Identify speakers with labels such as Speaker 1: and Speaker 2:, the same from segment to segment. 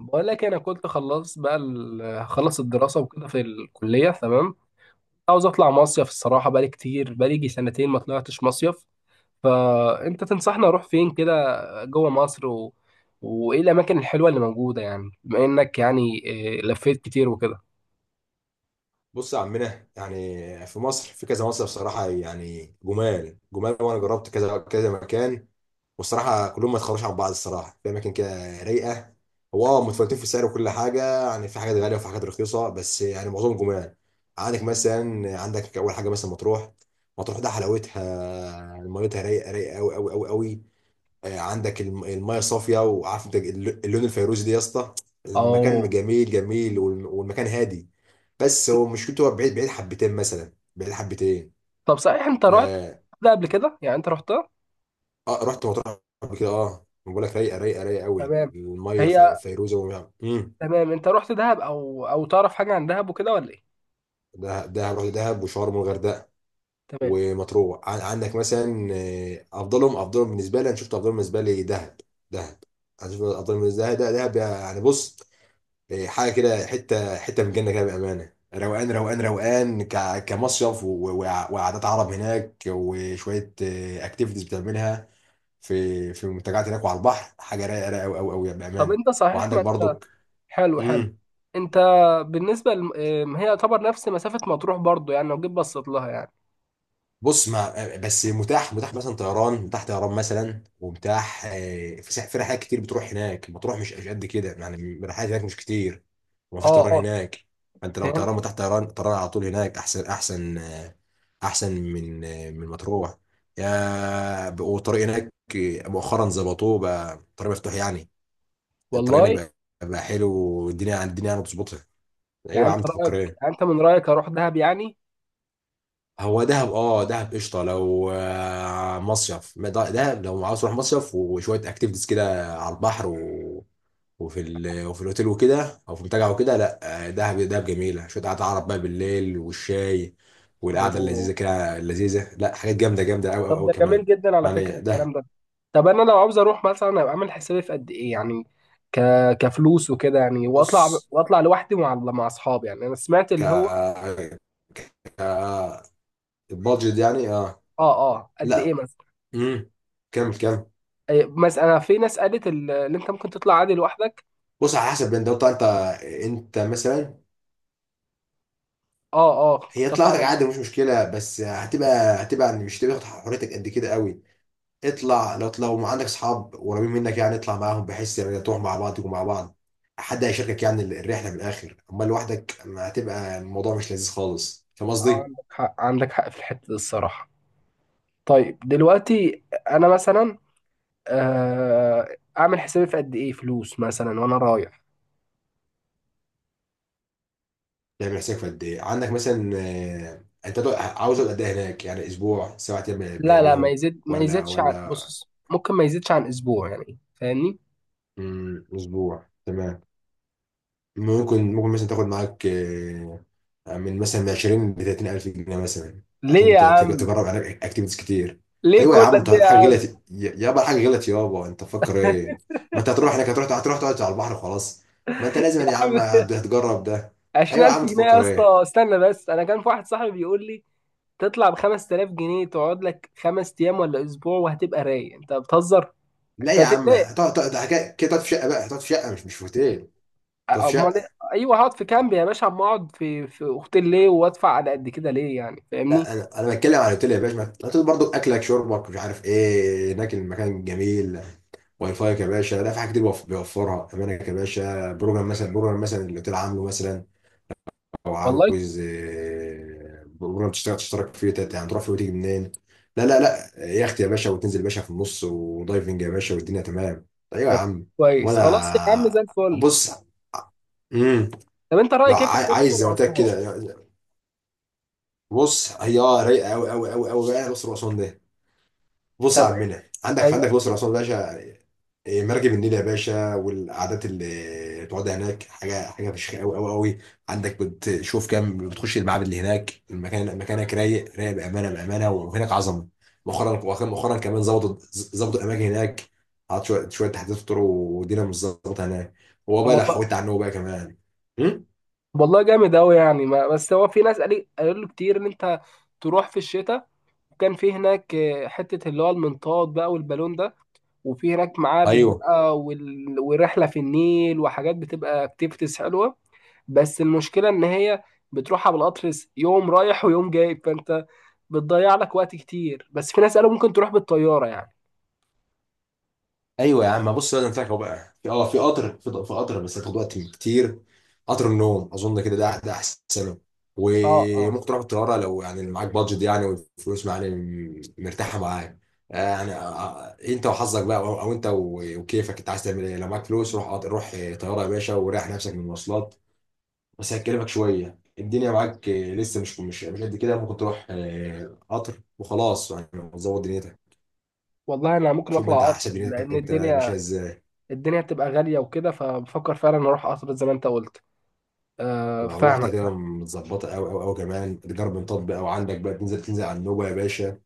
Speaker 1: بقول لك إيه، انا كنت خلصت بقى هخلص الدراسه وكده في الكليه. تمام، عاوز اطلع مصيف الصراحه، بقالي كتير، بقالي يجي سنتين ما طلعتش مصيف. فانت تنصحني اروح فين كده، جوه مصر وايه الاماكن الحلوه اللي موجوده، يعني بما انك يعني إيه، لفيت كتير وكده.
Speaker 2: بص يا عمنا، يعني في مصر في كذا مصيف صراحة، يعني جمال جمال. وأنا جربت كذا كذا مكان، والصراحة كلهم ما يتخرجش عن بعض. الصراحة في أماكن كده رايقة. هو متفاوتين في السعر وكل حاجة. يعني في حاجات غالية وفي حاجات رخيصة، بس يعني معظمهم جمال. عندك مثلا، عندك أول حاجة مثلا مطروح. مطروح ده حلاوتها، ميتها رايقة رايقة أوي أوي أوي أوي. عندك الميه صافيه، وعارف انت اللون الفيروزي ده يا اسطى. المكان
Speaker 1: اه.
Speaker 2: جميل جميل، والمكان هادي. بس هو مشكلته، هو بعيد، بعيد حبتين، مثلا بعيد حبتين.
Speaker 1: طب صحيح انت رحت
Speaker 2: اه.
Speaker 1: ده قبل كده؟ يعني انت رحتها؟
Speaker 2: آه رحت مطروح قبل كده. اه بقول لك رايقه رايقه رايقه قوي،
Speaker 1: تمام.
Speaker 2: الميه
Speaker 1: هي
Speaker 2: فيروزه، ومش... امم.
Speaker 1: تمام، انت رحت دهب او تعرف حاجه عن دهب وكده ولا ايه؟
Speaker 2: دهب، دهب، رحت دهب وشرم والغردقه
Speaker 1: تمام.
Speaker 2: ومطروح. عندك مثلا، افضلهم، افضلهم بالنسبه لي، انا شفت افضلهم بالنسبه لي دهب. دهب. انا شفت افضلهم بالنسبه لي دهب. دهب يعني، بص، حاجه كده، حته حته من الجنه كده، بامانه روقان روقان روقان كمصيف، وقعدات عرب هناك، وشويه اكتيفيتيز بتعملها في منتجعات هناك، وعلى البحر حاجه رايقه رايقه قوي قوي قوي
Speaker 1: طب
Speaker 2: بامانه.
Speaker 1: انت صحيح
Speaker 2: وعندك
Speaker 1: ما...
Speaker 2: برضك.
Speaker 1: حلو حلو.
Speaker 2: امم.
Speaker 1: انت بالنسبه لم... ام، هي يعتبر نفس مسافه مطروح برضو، يعني لو جيت بصيت لها يعني.
Speaker 2: بص، ما بس متاح، متاح مثلا طيران، متاح طيران مثلا، ومتاح، في في رحلات كتير بتروح هناك، بتروح مش قد كده، يعني الرحلات هناك مش كتير. ومفيش
Speaker 1: اه
Speaker 2: طيران
Speaker 1: اه.
Speaker 2: هناك. فانت لو
Speaker 1: فهمت.
Speaker 2: طيران متاح، طيران طيران على طول هناك احسن احسن، احسن من مطروح. والطريق هناك مؤخرا ظبطوه بقى، طريق مفتوح يعني. الطريق هناك
Speaker 1: والله
Speaker 2: بقى، بقى حلو. الدنيا يعني بتظبطها. ايوه
Speaker 1: يعني
Speaker 2: يا
Speaker 1: انت
Speaker 2: عم،
Speaker 1: رايك،
Speaker 2: تفكر ايه؟
Speaker 1: يعني انت من رايك اروح دهب يعني؟
Speaker 2: هو دهب، دهب قشطه لو، مصيف. ما دهب لو عاوز تروح مصيف وشويه اكتيفيتيز كده على البحر، و... وفي الاوتيل وكده، او في منتجع وكده، لا، دهب، دهب جميله. شويه قعده عرب بقى بالليل، والشاي، والقعده
Speaker 1: اوه.
Speaker 2: اللذيذه كده، اللذيذه، لا، حاجات جامده جامده قوي قوي
Speaker 1: طب
Speaker 2: قوي
Speaker 1: ده جميل
Speaker 2: كمان.
Speaker 1: جدا على فكره
Speaker 2: يعني
Speaker 1: الكلام
Speaker 2: دهب.
Speaker 1: ده. طب انا لو عاوز اروح، مثلا ابقى عامل حسابي في قد ايه يعني، ك... كفلوس وكده يعني، واطلع
Speaker 2: بص،
Speaker 1: واطلع لوحدي مع اصحابي يعني؟ انا سمعت
Speaker 2: ك
Speaker 1: اللي هو...
Speaker 2: ك البادجت يعني، اه.
Speaker 1: اه اه، قد ايه
Speaker 2: لا.
Speaker 1: مثلا؟
Speaker 2: امم. كمل، كمل.
Speaker 1: مثلا في ناس قالت اللي انت ممكن تطلع عادي لوحدك.
Speaker 2: بص، على حسب، انت انت مثلا.
Speaker 1: اه اه،
Speaker 2: هي
Speaker 1: كنت اطلع
Speaker 2: طلعتك
Speaker 1: انا.
Speaker 2: عادي، مش مشكله، بس هتبقى، يعني مش هتبقى حريتك قد كده قوي. اطلع، لو ما عندك اصحاب قريبين منك، يعني اطلع معاهم، بحيث يعني تروح مع بعض، تكون مع بعض، حد هيشاركك يعني الرحله في الاخر. اما لوحدك ما هتبقى الموضوع مش لذيذ خالص. فاهم
Speaker 1: اه،
Speaker 2: قصدي؟
Speaker 1: عندك حق عندك حق في الحتة دي الصراحة. طيب دلوقتي أنا مثلا أعمل حسابي في قد إيه فلوس مثلا وأنا رايح؟
Speaker 2: ده بيحسك في قد ايه عندك، مثلا انت، عاوز اقعد قد ايه هناك؟ يعني اسبوع، سبع ايام
Speaker 1: لا لا،
Speaker 2: بيليهم؟
Speaker 1: ما
Speaker 2: ولا
Speaker 1: يزيدش عن،
Speaker 2: ولا
Speaker 1: بص، ممكن ما يزيدش عن أسبوع يعني، فاهمني؟
Speaker 2: اسبوع تمام. ممكن مثلا تاخد معاك، من مثلا من 20 ل 30 الف جنيه مثلا،
Speaker 1: ليه
Speaker 2: عشان
Speaker 1: يا عم؟
Speaker 2: تجرب عليك اكتيفيتيز كتير.
Speaker 1: ليه
Speaker 2: ايوه يا
Speaker 1: كل
Speaker 2: عم،
Speaker 1: ده
Speaker 2: انت الحاجه
Speaker 1: يا
Speaker 2: غلط، يابا، الحاجه غلط يابا، انت تفكر ايه؟ ما انت هتروح هناك، هتروح تقعد على البحر خلاص. ما انت لازم يا
Speaker 1: عم؟
Speaker 2: عم هتجرب ده. ايوه يا
Speaker 1: 20000
Speaker 2: عم،
Speaker 1: جنيه يا
Speaker 2: تفكر
Speaker 1: اسطى؟
Speaker 2: ايه؟
Speaker 1: استنى بس، أنا كان في واحد صاحبي بيقول لي تطلع ب 5000 جنيه تقعد لك 5 أيام ولا أسبوع وهتبقى رايق. أنت بتهزر،
Speaker 2: لا
Speaker 1: أنت
Speaker 2: يا عم،
Speaker 1: هتقلق.
Speaker 2: تقعد كده، تقعد في شقه بقى، هتقعد في شقه، مش في اوتيل. تقعد في
Speaker 1: امال إيه؟
Speaker 2: شقه.
Speaker 1: ايوه هقعد في كامب يا باشا، اما اقعد في اوتيل ليه وادفع على قد كده ليه، يعني فاهمني؟
Speaker 2: لا، انا بتكلم عن اوتيل يا باشا. الاوتيل برضو اكلك شربك مش عارف ايه هناك، المكان جميل. واي فاي يا باشا، لا، في حاجات كتير بيوفرها، امانك يا باشا، بروجرام مثلا، بروجرام مثلا اللي الاوتيل عامله مثلا. او
Speaker 1: والله.
Speaker 2: عاوز بروجرام تشتغل، تشترك فيه، يعني تروح فيه وتيجي منين. لا، لا، لا، يخت يا باشا، وتنزل يا باشا في النص، ودايفنج يا باشا، والدنيا تمام. ايوه يا
Speaker 1: طب
Speaker 2: عم.
Speaker 1: كويس، خلاص يا عم،
Speaker 2: وانا
Speaker 1: زي الفل.
Speaker 2: بص. امم.
Speaker 1: طب انت
Speaker 2: لو
Speaker 1: رايك ايه في
Speaker 2: عايز
Speaker 1: الاقصر
Speaker 2: زي ما قلت لك
Speaker 1: واسوان؟
Speaker 2: كده، بص هي رايقه قوي قوي قوي قوي بقى الاقصر واسوان ده. بص يا
Speaker 1: طب،
Speaker 2: عمنا، عندك
Speaker 1: ايوه.
Speaker 2: الاقصر واسوان يا باشا، مركب النيل يا باشا، والقعدات اللي تقعدها هناك حاجه، حاجه فشخ قوي قوي قوي. عندك بتشوف كام، بتخش المعابد اللي هناك، المكان، مكانك رايق رايق بامانه، بامانه وهناك عظمه. مؤخرا، وكان مؤخرا كمان ظبطوا، الاماكن هناك. حط شويه شويه تحديثات طرق، والدنيا مش ظابطه هناك. هو
Speaker 1: طب
Speaker 2: بقى لو
Speaker 1: والله،
Speaker 2: حكيت عنه بقى كمان. م؟
Speaker 1: والله جامد قوي يعني. ما بس هو في ناس قالوا له كتير ان انت تروح في الشتاء، وكان في هناك حته اللي هو المنطاد بقى والبالون ده، وفي هناك معابد
Speaker 2: ايوه،
Speaker 1: بقى ورحله في النيل وحاجات بتبقى اكتيفيتيز حلوه. بس المشكلة إن هي بتروحها بالقطر، يوم رايح ويوم جاي، فأنت بتضيع لك وقت كتير. بس في ناس قالوا ممكن تروح بالطيارة يعني.
Speaker 2: ايوه يا عم، بص بقى ده أنا فاكره بقى في في قطر، في قطر، بس هتاخد وقت كتير. قطر النوم اظن كده، ده احسن.
Speaker 1: اه اه.
Speaker 2: وممكن تروح بالطياره لو يعني معاك بادجت، يعني والفلوس يعني مرتاحه معاك. آه، يعني آه، انت وحظك بقى، او انت وكيفك، انت عايز تعمل ايه؟ لو معاك فلوس روح، روح طياره يا باشا، وريح نفسك من المواصلات. بس هتكلفك شويه، الدنيا معاك لسه، مش قد كده، ممكن تروح قطر وخلاص يعني، تظبط دنيتك.
Speaker 1: والله أنا ممكن
Speaker 2: شوف انت
Speaker 1: أطلع
Speaker 2: على
Speaker 1: قطر
Speaker 2: حسب دنيتك
Speaker 1: لأن
Speaker 2: انت ماشيه
Speaker 1: الدنيا
Speaker 2: ازاي.
Speaker 1: الدنيا بتبقى غالية وكده، فبفكر فعلا أروح قطر زي ما أنت قلت.
Speaker 2: لو رحت
Speaker 1: فاهمك
Speaker 2: هتبقى
Speaker 1: فاهم
Speaker 2: متظبطه قوي قوي قوي كمان، تجرب نطاط بقى، وعندك بقى تنزل على النوبه يا باشا.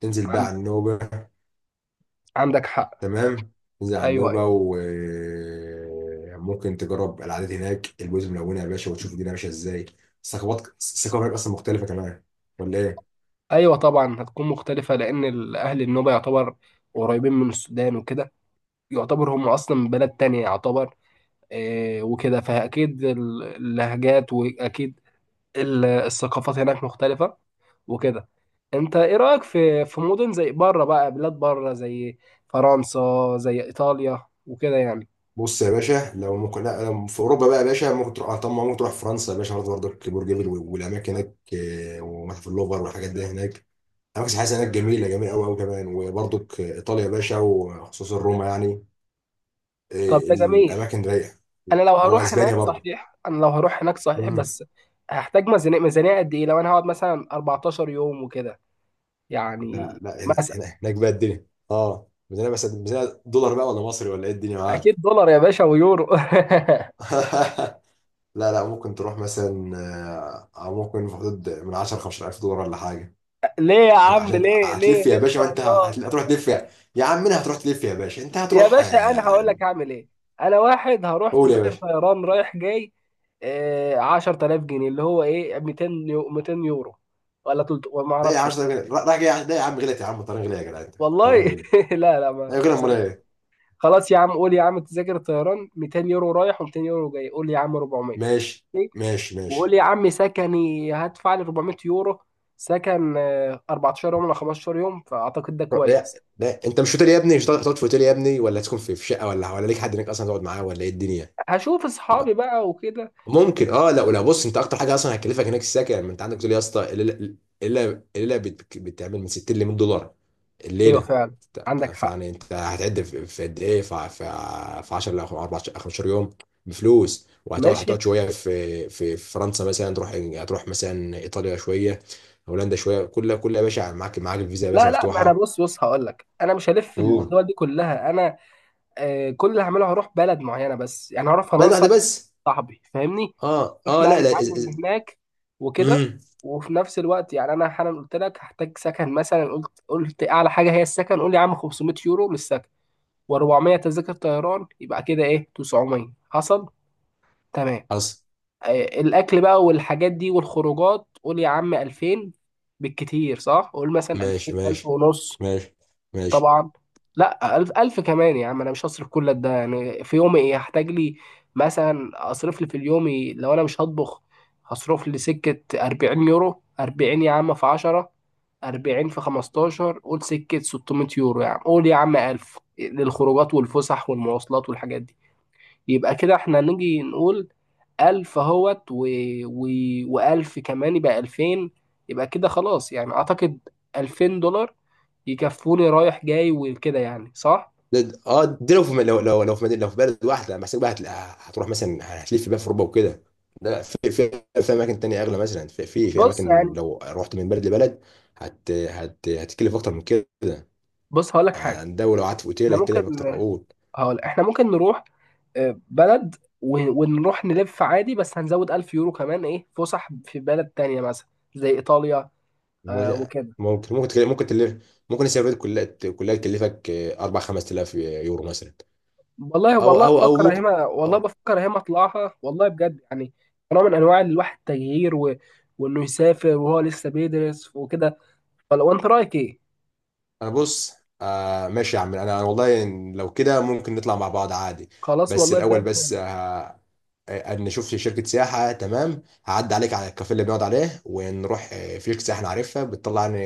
Speaker 2: تنزل بقى
Speaker 1: عن-
Speaker 2: على النوبه.
Speaker 1: عندك حق.
Speaker 2: تمام. تنزل على
Speaker 1: أيوه أيوه.
Speaker 2: النوبه، وممكن تجرب العادات هناك، البيوت الملونه يا باشا، وتشوف الدنيا ماشيه ازاي. الثقافه هناك اصلا مختلفه كمان. ولا ايه؟
Speaker 1: أيوه طبعا هتكون مختلفة، لأن أهل النوبة يعتبر قريبين من السودان وكده، يعتبر هم أصلا من بلد تانية يعتبر. وكده، فأكيد اللهجات، وأكيد الثقافات هناك مختلفة وكده. انت ايه رأيك في مدن زي بره بقى، بلاد بره زي فرنسا، زي ايطاليا وكده يعني؟
Speaker 2: بص يا باشا، لو ممكن لا، لو في اوروبا بقى يا باشا ممكن تروح، طبعا ممكن تروح فرنسا يا باشا، برضه برضك، برج ايفل والاماكن هناك، ومتحف اللوفر والحاجات دي هناك. أماكن سياحية هناك جميلة جميلة أوي أوي كمان. وبرضك إيطاليا يا باشا، وخصوصا روما يعني،
Speaker 1: طب ده جميل.
Speaker 2: الأماكن رايقة. هو أسبانيا برضه.
Speaker 1: انا لو هروح هناك صحيح،
Speaker 2: مم.
Speaker 1: بس هحتاج ميزانية، قد ايه لو انا هقعد مثلا 14 يوم وكده
Speaker 2: لا،
Speaker 1: يعني؟
Speaker 2: لا، هنا
Speaker 1: مثلا
Speaker 2: هنا هناك بقى الدنيا، ميزانية، بس ميزانية دولار بقى ولا مصري، ولا إيه الدنيا
Speaker 1: اكيد
Speaker 2: معاك؟
Speaker 1: دولار يا باشا ويورو.
Speaker 2: لا، لا، ممكن تروح مثلا، أو ممكن في حدود من 10 15000 دولار ولا حاجة،
Speaker 1: ليه يا
Speaker 2: عشان
Speaker 1: عم؟
Speaker 2: عشان
Speaker 1: ليه ليه
Speaker 2: هتلف
Speaker 1: ليه؟
Speaker 2: يا
Speaker 1: ان
Speaker 2: باشا. ما
Speaker 1: شاء
Speaker 2: أنت
Speaker 1: الله
Speaker 2: هتروح تلف، يا عم منها، هتروح تلف يا باشا، أنت
Speaker 1: يا
Speaker 2: هتروح،
Speaker 1: باشا، انا هقول لك هعمل ايه. انا واحد هروح
Speaker 2: قول يا
Speaker 1: تذاكر
Speaker 2: باشا.
Speaker 1: طيران رايح جاي 10000 جنيه، اللي هو ايه، 200 200 يورو ولا 300 ولا ما
Speaker 2: لا يا عم،
Speaker 1: اعرفش.
Speaker 2: مش طيران غالي راح جاي، لا يا عم، غلط يا عم، الطيران غلي يا جدع، انت الطيران
Speaker 1: والله.
Speaker 2: غلي.
Speaker 1: لا لا، ما
Speaker 2: ايوه
Speaker 1: ما
Speaker 2: غلي، امال
Speaker 1: سمعت.
Speaker 2: ايه؟
Speaker 1: خلاص يا عم، قول يا عم تذاكر الطيران 200 يورو رايح و200 يورو جاي، قول يا عم 400.
Speaker 2: ماشي،
Speaker 1: إيه؟
Speaker 2: ماشي،
Speaker 1: وقول
Speaker 2: ماشي.
Speaker 1: يا عم سكني هدفع لي 400 يورو سكن، 14 يوم ولا 15 يوم، فاعتقد ده
Speaker 2: لا،
Speaker 1: كويس.
Speaker 2: لا، انت مش في اوتيل يا ابني، مش هتقعد في اوتيل يا ابني، ولا تكون في شقه، ولا ليك حد هناك اصلا تقعد معاه، ولا ايه الدنيا؟
Speaker 1: هشوف اصحابي بقى وكده.
Speaker 2: ممكن، لا، ولا، بص، انت اكتر حاجه اصلا هتكلفك هناك السكن. ما انت عندك تقول يا اسطى، الليله، الليله بتعمل من 60 ل 100 دولار
Speaker 1: ايوه
Speaker 2: الليله.
Speaker 1: فعلا، عندك حق،
Speaker 2: فيعني انت هتعد في، في قد ايه في في في 10 ل 14 15 يوم بفلوس، وهتقعد،
Speaker 1: ماشي.
Speaker 2: شويه في فرنسا، مثلا تروح هتروح مثلا ايطاليا شويه، هولندا شويه. كل يا باشا، معاك الفيزا يا باشا
Speaker 1: لا لا، ما انا
Speaker 2: مفتوحه.
Speaker 1: بص هقول لك، انا مش هلف
Speaker 2: اوه.
Speaker 1: الدول دي كلها. انا كل اللي هعمله هروح بلد معينه بس يعني، هروح
Speaker 2: بس
Speaker 1: فرنسا،
Speaker 2: واحده بس.
Speaker 1: صاحبي فاهمني،
Speaker 2: اه،
Speaker 1: روح
Speaker 2: اه،
Speaker 1: بقى
Speaker 2: لا، لا.
Speaker 1: نتعلم من هناك وكده.
Speaker 2: امم.
Speaker 1: وفي نفس الوقت يعني انا حالا قلت لك هحتاج سكن، مثلا قلت اعلى حاجه هي السكن، قول لي يا عم 500 يورو للسكن و400 تذاكر طيران، يبقى كده ايه 900، حصل تمام.
Speaker 2: حصل.
Speaker 1: الاكل بقى والحاجات دي والخروجات، قول يا عم 2000، بالكتير، صح؟ قول مثلا
Speaker 2: ماشي،
Speaker 1: 2000 1000
Speaker 2: ماشي،
Speaker 1: ونص.
Speaker 2: ماشي، ماشي.
Speaker 1: طبعا. لا، ألف ألف كمان يا عم، أنا مش هصرف كل ده يعني. في يومي إيه هحتاج لي؟ مثلا أصرف لي في اليومي لو أنا مش هطبخ، هصرف لي سكة 40 يورو، 40 يا عم في 10، 40 في 15، قول سكة 600 يورو، يا عم قول يا عم 1000 للخروجات والفسح والمواصلات والحاجات دي. يبقى كده احنا نيجي نقول 1000 اهوت و... وألف كمان، يبقى 2000. يبقى كده خلاص يعني، أعتقد 2000 دولار يكفوني رايح جاي وكده، يعني صح؟
Speaker 2: ده اه دي، لو لو في مدينة، لو في بلد واحده لما حسابك بقى، هتروح مثلا، هتلف بقى في اوروبا وكده. لا، في اماكن تانية اغلى، مثلا في
Speaker 1: بص
Speaker 2: اماكن،
Speaker 1: يعني،
Speaker 2: لو رحت من بلد لبلد هت هت هتكلف اكتر من كده،
Speaker 1: بص هقولك حاجة،
Speaker 2: عن ده. ولو قعدت في اوتيل
Speaker 1: احنا ممكن،
Speaker 2: هتكلف اكتر اقول.
Speaker 1: هقول احنا ممكن نروح بلد ونروح نلف عادي، بس هنزود 1000 يورو كمان ايه، فسح في بلد تانية مثلا زي إيطاليا
Speaker 2: مش-
Speaker 1: وكده.
Speaker 2: ممكن تكلف، ممكن تلف. ممكن السفرية دي كلها كلها تكلفك 4 5000 يورو مثلا،
Speaker 1: والله
Speaker 2: او
Speaker 1: والله
Speaker 2: او او
Speaker 1: بفكر
Speaker 2: ممكن،
Speaker 1: اهيمها، والله
Speaker 2: أو
Speaker 1: بفكر اهيمها، اطلعها والله بجد يعني، نوع من انواع الواحد التغيير وانه يسافر وهو لسه بيدرس وكده، ولا وانت رايك ايه؟
Speaker 2: انا بص. ماشي يا عم، انا والله إن لو كده ممكن نطلع مع بعض عادي.
Speaker 1: خلاص
Speaker 2: بس
Speaker 1: والله زي...
Speaker 2: الاول، بس ان نشوف شركه سياحه، تمام، هعدي عليك على الكافيه اللي بنقعد عليه ونروح، في شركه سياحه انا عارفها بتطلع يعني،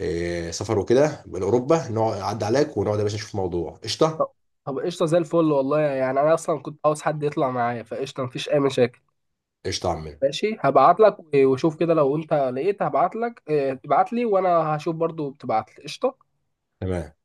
Speaker 2: سفر وكده لاوروبا، نقعد اعدي عليك ونقعد يا باشا نشوف موضوع قشطه.
Speaker 1: طب، طب قشطه زي الفل والله يعني، انا اصلا كنت عاوز حد يطلع معايا، فقشطه مفيش اي مشاكل.
Speaker 2: قشطه يا عم.
Speaker 1: ماشي، هبعت لك وشوف كده لو انت لقيت، هبعت لك ابعت لي وانا هشوف برضو، بتبعت لي قشطه.
Speaker 2: تمام.